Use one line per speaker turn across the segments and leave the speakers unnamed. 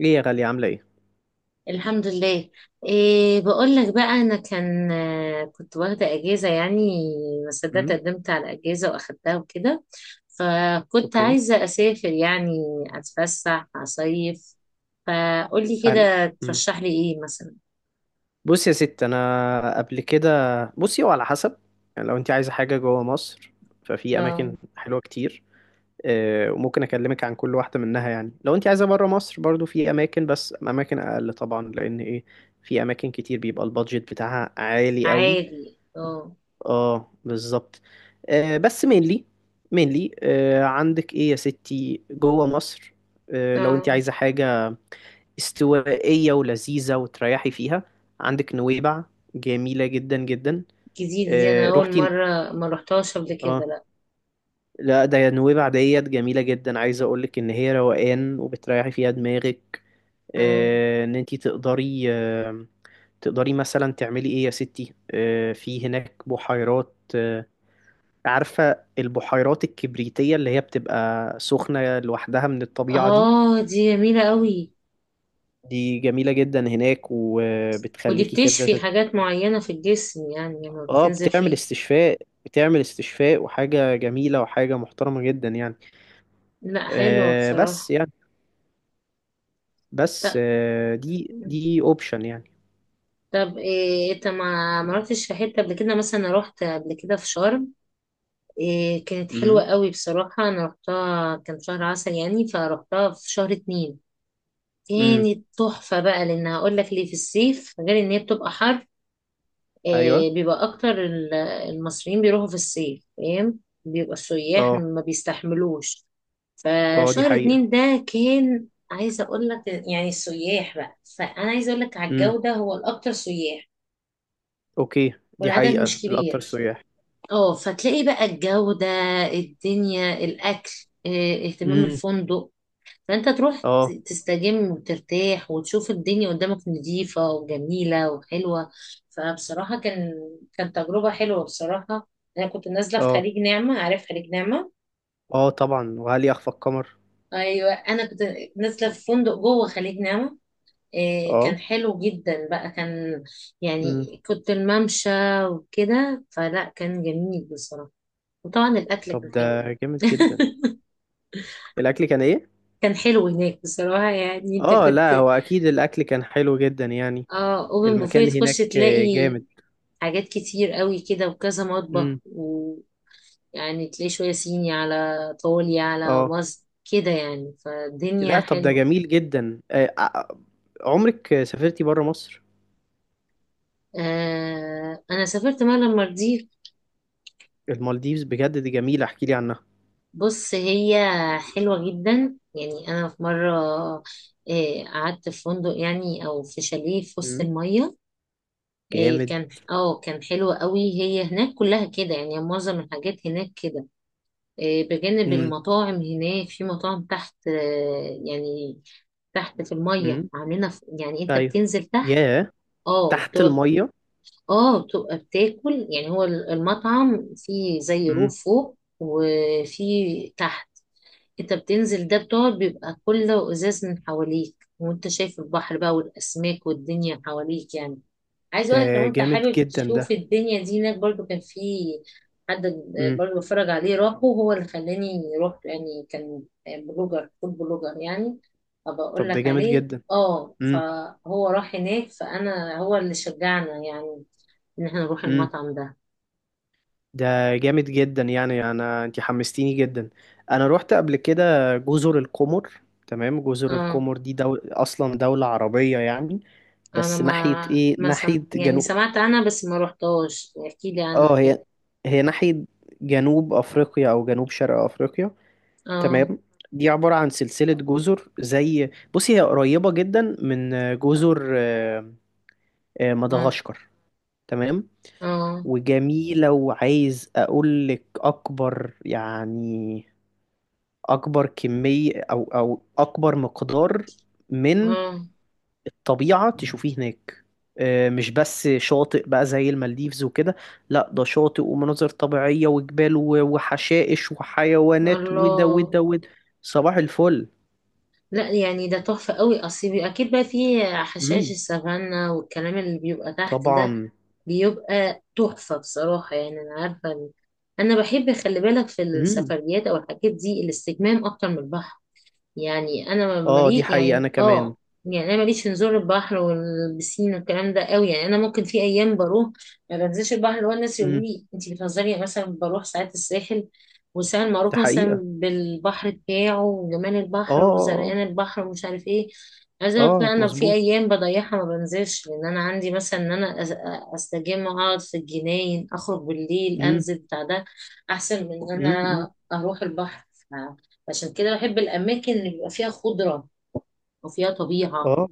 ايه يا غالية، عاملة ايه؟
الحمد لله. إيه، بقول لك بقى، انا كان آه، كنت واخده اجازه يعني. ما صدقت،
امم.
قدمت على اجازه واخدتها وكده. فكنت
اوكي.
عايزه اسافر يعني، اتفسح، اصيف. فقولي
أنا،
كده
امم
ترشح لي ايه مثلا؟
بص يا ست، انا قبل كده. بصي، هو على حسب، يعني لو انت عايزة حاجة جوه مصر ففي
اه.
اماكن حلوة كتير. وممكن اكلمك عن كل واحدة منها. يعني لو انت عايزة بره مصر برضو في اماكن، بس اماكن اقل طبعا لان ايه، في اماكن كتير بيبقى البادجت بتاعها عالي قوي.
عادي، اه.
اه، بالظبط. بس، مينلي. عندك ايه يا ستي جوه مصر؟ لو انت
اه.
عايزة حاجة استوائية ولذيذة وتريحي فيها، عندك نويبع. جميلة جدا جدا.
جديده دي،
آه،
انا اول
روحتي؟
مره ما رحتهاش قبل كده،
اه.
لا.
لا، ده نويبع ديت جميلة جدا. عايزة اقولك ان هي روقان وبتريحي فيها دماغك.
اه.
آه، ان انتي تقدري مثلا تعملي ايه يا ستي. في هناك بحيرات. عارفة البحيرات الكبريتية اللي هي بتبقى سخنة لوحدها من الطبيعة دي؟
دي جميله قوي.
دي جميلة جدا هناك،
ودي
وبتخليكي كده.
بتشفي حاجات معينه في الجسم، يعني لما
اه،
بتنزل
بتعمل
فيها.
استشفاء بتعمل استشفاء، وحاجة جميلة وحاجة محترمة جدا يعني.
لا، حلوة
بس
بصراحة.
يعني. بس،
طب
دي اوبشن يعني.
طب. إيه، انت ما رحتش في حتة قبل كده؟ مثلا أنا رحت قبل كده في شرم. إيه كانت حلوة
امم.
قوي بصراحة، انا رحتها كان شهر عسل يعني، فرحتها في شهر اتنين.
امم.
كانت تحفة بقى، لان هقول لك ليه، في الصيف غير ان هي بتبقى حر.
ايوه.
إيه بيبقى اكتر المصريين بيروحوا في الصيف فاهم، بيبقى السياح
اه.
ما بيستحملوش.
اه، دي
فشهر
حقيقة.
اتنين ده كان، عايزة اقول لك يعني، السياح بقى، فانا عايزة اقول لك على
امم.
الجودة، هو الاكتر سياح.
اوكي، دي
والعدد
حقيقة
مش
الأكتر
كبير.
سياح.
اه فتلاقي بقى الجودة، الدنيا، الاكل، اه، اهتمام
امم.
الفندق. فانت تروح
اه.
تستجم وترتاح، وتشوف الدنيا قدامك نظيفة وجميلة وحلوة. فبصراحة، كان تجربة حلوة بصراحة. انا كنت نازلة في
اه،
خليج نعمة، عارف خليج نعمة؟
اه، طبعا، وهل يخفى القمر.
ايوه، انا كنت نازلة في فندق جوه خليج نعمة. إيه كان
اه.
حلو جدا بقى، كان يعني.
امم.
كنت الممشى وكده، فلا كان جميل بصراحة. وطبعا الأكل
طب،
كان
ده
حلو.
جامد جدا. الأكل كان ايه؟
كان حلو هناك بصراحة، يعني انت
اه،
كنت.
لا هو أكيد الأكل كان حلو جدا يعني.
اه، اوبن بوفيه،
المكان
تخش
هناك
تلاقي
جامد.
حاجات كتير قوي كده، وكذا مطبخ
امم.
ويعني. تلاقي شوية صيني، على طولي على
اه.
مصر كده يعني، فالدنيا
لا، طب ده
حلوة.
جميل جدا. عمرك سافرتي بره مصر؟
انا سافرت مرة المالديف.
المالديفز، بجد دي جميلة، احكي لي عنها.
بص، هي حلوة جدا يعني، أنا في مرة قعدت في فندق يعني، أو في شاليه في وسط
مم.
المية.
جامد.
كان حلو قوي. هي هناك كلها كده يعني، معظم الحاجات هناك كده. بجانب
امم.
المطاعم، هناك في مطاعم تحت، يعني تحت في المية،
امم.
عاملينها يعني أنت
ايوه.
بتنزل تحت.
ياه.
اه
تحت
وبتبقى،
المية.
اه بتبقى بتاكل يعني، هو المطعم فيه زي
امم.
روف فوق وفي تحت. انت بتنزل ده، بتقعد، بيبقى كله ازاز من حواليك، وانت شايف البحر بقى، والاسماك والدنيا حواليك يعني. عايز
ده
اقولك، لو انت
جامد
حابب
جدا ده.
تشوف الدنيا دي، هناك برضو كان في حد
امم.
برضو بتفرج عليه، راحه، هو اللي خلاني رحت يعني، كان بلوجر، فود بلوجر يعني. ابقى اقول
طب، ده
لك
جامد
عليه،
جدا.
اه.
امم.
فهو راح هناك، فانا هو اللي شجعنا يعني، ان احنا نروح
امم.
المطعم ده.
ده جامد جدا يعني. انا، انت حمستيني جدا. انا روحت قبل كده جزر القمر. تمام، جزر
اه
القمر دي اصلا دولة عربية يعني.
انا
بس ناحية
ما
ايه،
ما سم...
ناحية
يعني
جنوب.
سمعت عنها، بس ما رحتهاش، احكي لي عنها
اه،
كده.
هي ناحية جنوب أفريقيا أو جنوب شرق أفريقيا.
اه،
تمام. دي عبارة عن سلسلة جزر. زي بصي، هي قريبة جدا من جزر
اه،
مدغشقر. تمام.
اه،
وجميلة، وعايز أقولك أكبر يعني. أكبر كمية أو أكبر مقدار من
اه.
طبيعة تشوفيه هناك. مش بس شاطئ بقى زي المالديفز وكده. لا، ده شاطئ ومناظر طبيعية وجبال وحشائش وحيوانات وده
الله!
وده وده. صباح الفل.
لا يعني، ده تحفة قوي، اصل اكيد بقى فيه حشائش
امم.
السافانا والكلام اللي بيبقى تحت ده.
طبعا.
بيبقى تحفة بصراحة يعني، انا عارفة انا بحب، خلي بالك، في
امم.
السفريات او الحاجات دي الاستجمام اكتر من البحر. يعني انا
اه، دي
ملي
حقيقة
يعني،
انا كمان.
اه. يعني انا ماليش في نزول البحر والبسين والكلام ده قوي، يعني انا ممكن في ايام بروح ما بنزلش البحر، اللي هو الناس يقولوا
امم.
لي انت بتهزري، يعني مثلا بروح ساعات الساحل. والساحل
دي
معروف مثلا
حقيقة.
بالبحر بتاعه، وجمال
اه،
البحر،
اه،
وزرقان البحر، ومش عارف ايه. عايزه
اه.
اقول لك، لا،
آه،
انا في
مظبوط.
ايام بضيعها ما بنزلش، لان انا عندي مثلا ان انا استجم، اقعد في الجناين، اخرج بالليل،
امم.
انزل بتاع ده، احسن من ان
امم.
انا اروح البحر. عشان كده بحب الأماكن اللي بيبقى فيها خضرة وفيها طبيعة.
اه،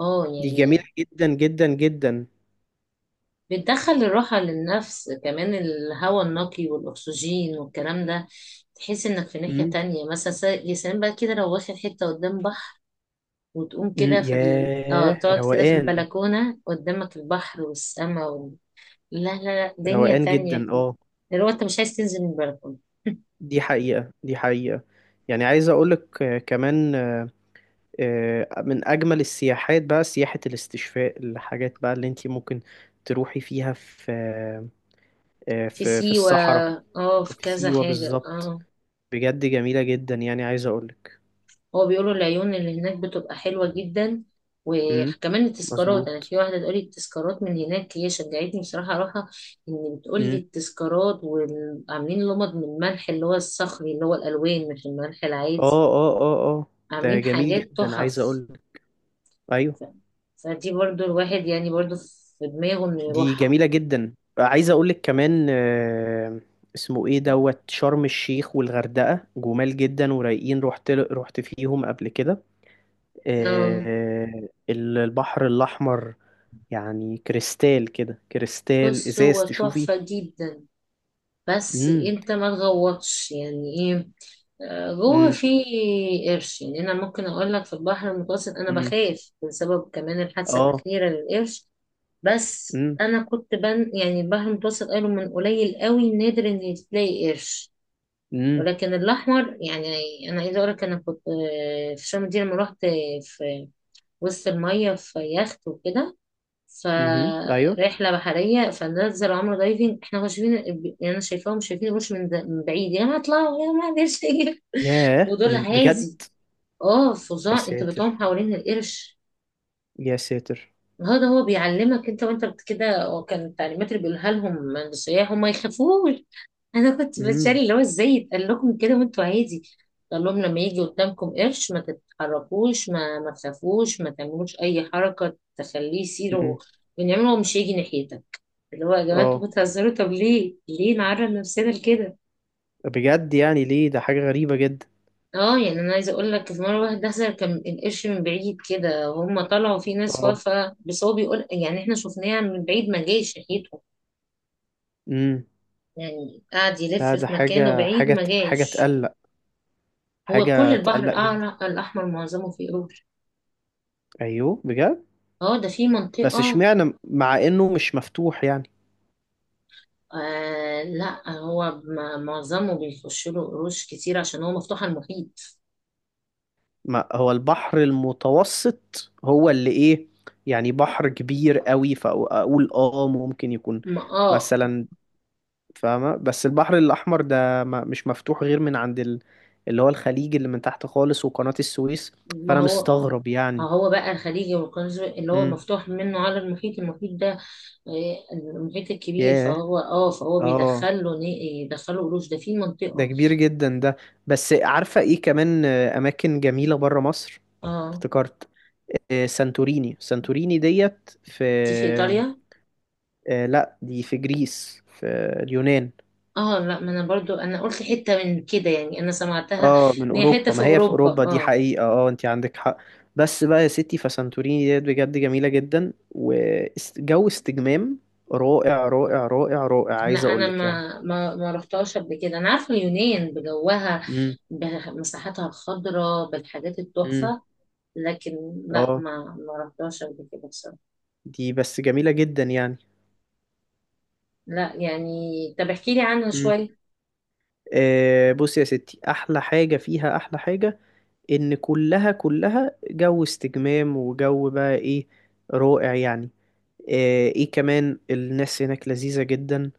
اه
دي جميلة
يعني،
جدا جدا جدا.
بتدخل الراحة للنفس، كمان الهواء النقي والأكسجين والكلام ده. تحس إنك في ناحية
امم.
تانية، مثلا يا سلام بقى كده، لو واخد حتة قدام بحر، وتقوم
امم.
كده في ال... اه
ياه،
تقعد كده في
روقان.
البلكونة، قدامك البحر والسما. لا، لا، لا، دنيا
روقان جدا.
تانية كده،
اه.
اللي هو انت مش عايز تنزل من البلكونة.
دي حقيقة، دي حقيقة. يعني عايز أقولك، كمان، من أجمل السياحات بقى سياحة الاستشفاء. الحاجات بقى اللي انتي ممكن تروحي فيها في آه،
في
في في
سيوة.
الصحراء.
اه، في
وفي
كذا
سيوة
حاجة،
بالظبط.
اه.
بجد جميلة جدا، يعني عايز أقولك.
هو بيقولوا العيون اللي هناك بتبقى حلوة جدا،
امم.
وكمان التذكارات، انا
مظبوط.
في واحدة تقولي التذكارات من هناك، هي شجعتني بصراحة اروحها. ان بتقولي
امم.
التذكارات، وعاملين لمض من الملح، اللي هو الصخري، اللي هو الالوان، مش الملح العادي.
اه، اه، اه، اه. ده
عاملين
جميل
حاجات
جدا عايز
تحف.
أقولك. أيوة.
ف- فدي برضو الواحد يعني، برضو في دماغه انه
دي
يروحها.
جميلة جدا، عايز أقولك كمان. اسمه إيه دوت شرم الشيخ والغردقة. جمال جدا ورايقين. رحت فيهم قبل كده.
آم،
البحر الأحمر. يعني كريستال كده، كريستال
بص
إزاز
هو
تشوفي.
تحفة جدا، بس
مم.
انت ما تغوطش يعني ايه، جوه،
مم.
في قرش. يعني انا ممكن اقول لك، في البحر المتوسط انا
مم.
بخاف، بسبب كمان الحادثه
آه.
الاخيره للقرش. بس
مم.
انا كنت يعني البحر المتوسط قالوا من قليل قوي، نادر ان تلاقي قرش.
مم.
ولكن الاحمر يعني، انا عايزه اقول لك، انا كنت في شرم دي لما رحت، في وسط الميه في يخت وكده،
مم. أيوه.
فرحله بحريه، فنزل عمرو دايفنج، احنا مش شايفين. يعني انا شايفاهم شايفين القرش من بعيد، يا ما اطلعوا يا ما قدرش يجي،
ياه،
ودول
من بجد.
عازي. اه
يا
فظاع، انت بتقوم
ساتر،
حوالين القرش.
يا ساتر.
هو ده، هو بيعلمك انت، وانت كده، وكان التعليمات اللي بيقولها لهم للسياح هم ما يخافوش. انا كنت بتشاري،
مم.
اللي هو ازاي يتقال لكم كده وانتوا عادي. قال لهم لما يجي قدامكم قرش، ما تتحركوش، ما تخافوش، ما تعملوش اي حركه تخليه يصير،
مم.
ونعمله هو مش هيجي ناحيتك. اللي هو، يا جماعه، انتوا
آه.
بتهزروا، طب ليه، ليه نعرض نفسنا لكده؟
بجد يعني ليه؟ ده حاجة غريبة جدا.
اه يعني انا عايزه اقول لك، في مره واحد دخل كان القرش من بعيد كده، هم طلعوا، في ناس
آه.
واقفه، بس هو بيقول يعني احنا شفناه من بعيد، ما جاش ناحيته،
مم.
يعني قعد يلف
لا، ده
في مكانه
حاجة
بعيد،
حاجة
ما
ت- حاجة
جاش.
تقلق.
هو كل
حاجة
البحر
تقلق جدا.
الاحمر معظمه فيه قروش،
أيوه، بجد.
اه. ده في
بس
منطقه.
اشمعنى مع إنه مش مفتوح يعني.
آه لا، هو معظمه بيخش له قروش كتير عشان هو مفتوح على المحيط.
ما هو البحر المتوسط هو اللي إيه، يعني بحر كبير قوي، فأقول ممكن يكون
ما اه
مثلا. فاهمة. بس البحر الأحمر ده، ما مش مفتوح غير من عند اللي هو الخليج اللي من تحت خالص وقناة السويس.
ما
فأنا
هو،
مستغرب يعني.
هو بقى الخليجي والقناص اللي هو
امم.
مفتوح منه على المحيط، المحيط ده، المحيط الكبير،
ياه.
فهو
اه.
بيدخله، يدخله قروش، ده في
ده
منطقة.
كبير جدا ده. بس عارفة ايه كمان، اماكن جميلة برا مصر؟
اه
افتكرت سانتوريني ديت في.
دي في ايطاليا.
لا، دي في جريس، في اليونان.
اه لا، ما انا برضو انا قلت حتة من كده يعني، انا سمعتها
اه، من
ان هي حتة
اوروبا،
في
ما هي في
اوروبا،
اوروبا. دي
اه.
حقيقة، اه، انت عندك حق. بس بقى يا ستي، فسانتوريني ديت بجد جميلة جدا، وجو استجمام رائع رائع رائع رائع،
لا،
عايز
انا
اقولك يعني.
ما رحتهاش قبل كده، انا عارفة اليونان بجوها،
امم.
بمساحاتها الخضراء، بالحاجات
امم.
التحفة. لكن لا،
اه.
ما رحتهاش قبل كده بصراحة.
دي بس جميلة جدا يعني.
لا يعني، طب احكي لي عنه
إمم.
شوية.
بص يا ستي، احلى حاجة فيها، احلى حاجة ان كلها كلها جو استجمام، وجو بقى ايه، رائع يعني. ايه كمان، الناس هناك لذيذة جدا.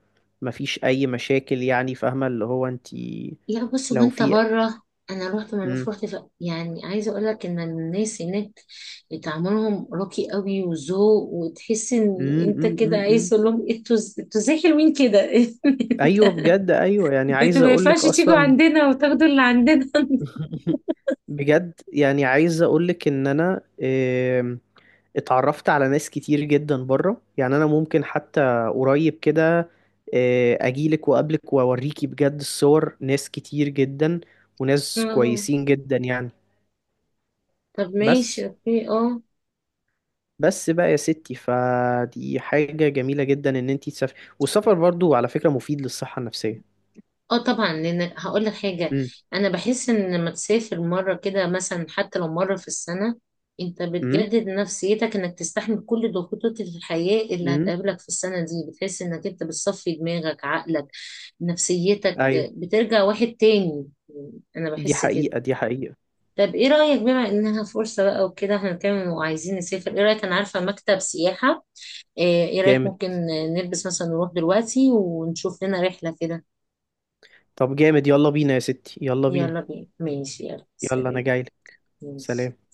مفيش اي مشاكل يعني، فاهمة اللي هو انتي
لا، بص،
لو
وانت
في.
بره، انا رحت مالديف،
مم.
رحت يعني عايزه اقول لك ان الناس هناك تعاملهم راقي قوي، وذوق، وتحس ان
مم.
انت
مم.
كده
مم.
عايز
مم.
تقول لهم "إيه، انتوا ازاي حلوين كده؟
ايوه، بجد، ايوه. يعني
انتوا
عايز
ما ينفعش
اقولك
تيجوا
اصلا.
عندنا وتاخدوا اللي عندنا".
بجد يعني، عايز اقولك ان انا اتعرفت على ناس كتير جدا بره. يعني انا ممكن حتى قريب كده اجيلك واقابلك، واوريكي بجد الصور، ناس كتير جدا وناس
آه.
كويسين جدا يعني.
طب،
بس
ماشي، اوكي، اه.
بس بقى يا ستي، فدي حاجة جميلة جدا ان انتي تسافري. والسفر برضو على فكرة مفيد للصحة النفسية.
اه طبعا، لان هقول لك حاجه،
امم.
انا بحس ان لما تسافر مره كده مثلا، حتى لو مره في السنه، انت
امم.
بتجدد نفسيتك، انك تستحمل كل ضغوطات الحياه اللي
امم.
هتقابلك في السنه دي، بتحس انك انت بتصفي دماغك، عقلك، نفسيتك
ايوه.
بترجع واحد تاني. انا
دي
بحس كده.
حقيقة، دي حقيقة.
طب ايه رايك؟ بما انها فرصه بقى وكده، احنا بنتكلم وعايزين نسافر، ايه رايك؟ انا عارفه مكتب سياحه، إيه رايك،
جامد.
ممكن نلبس مثلا نروح دلوقتي ونشوف لنا رحله كده؟
طب جامد، يلا بينا يا ستي، يلا بينا.
يلا بينا، ماشي، يلا
يلا انا
سلام.
جايلك.
ماشي.
سلام.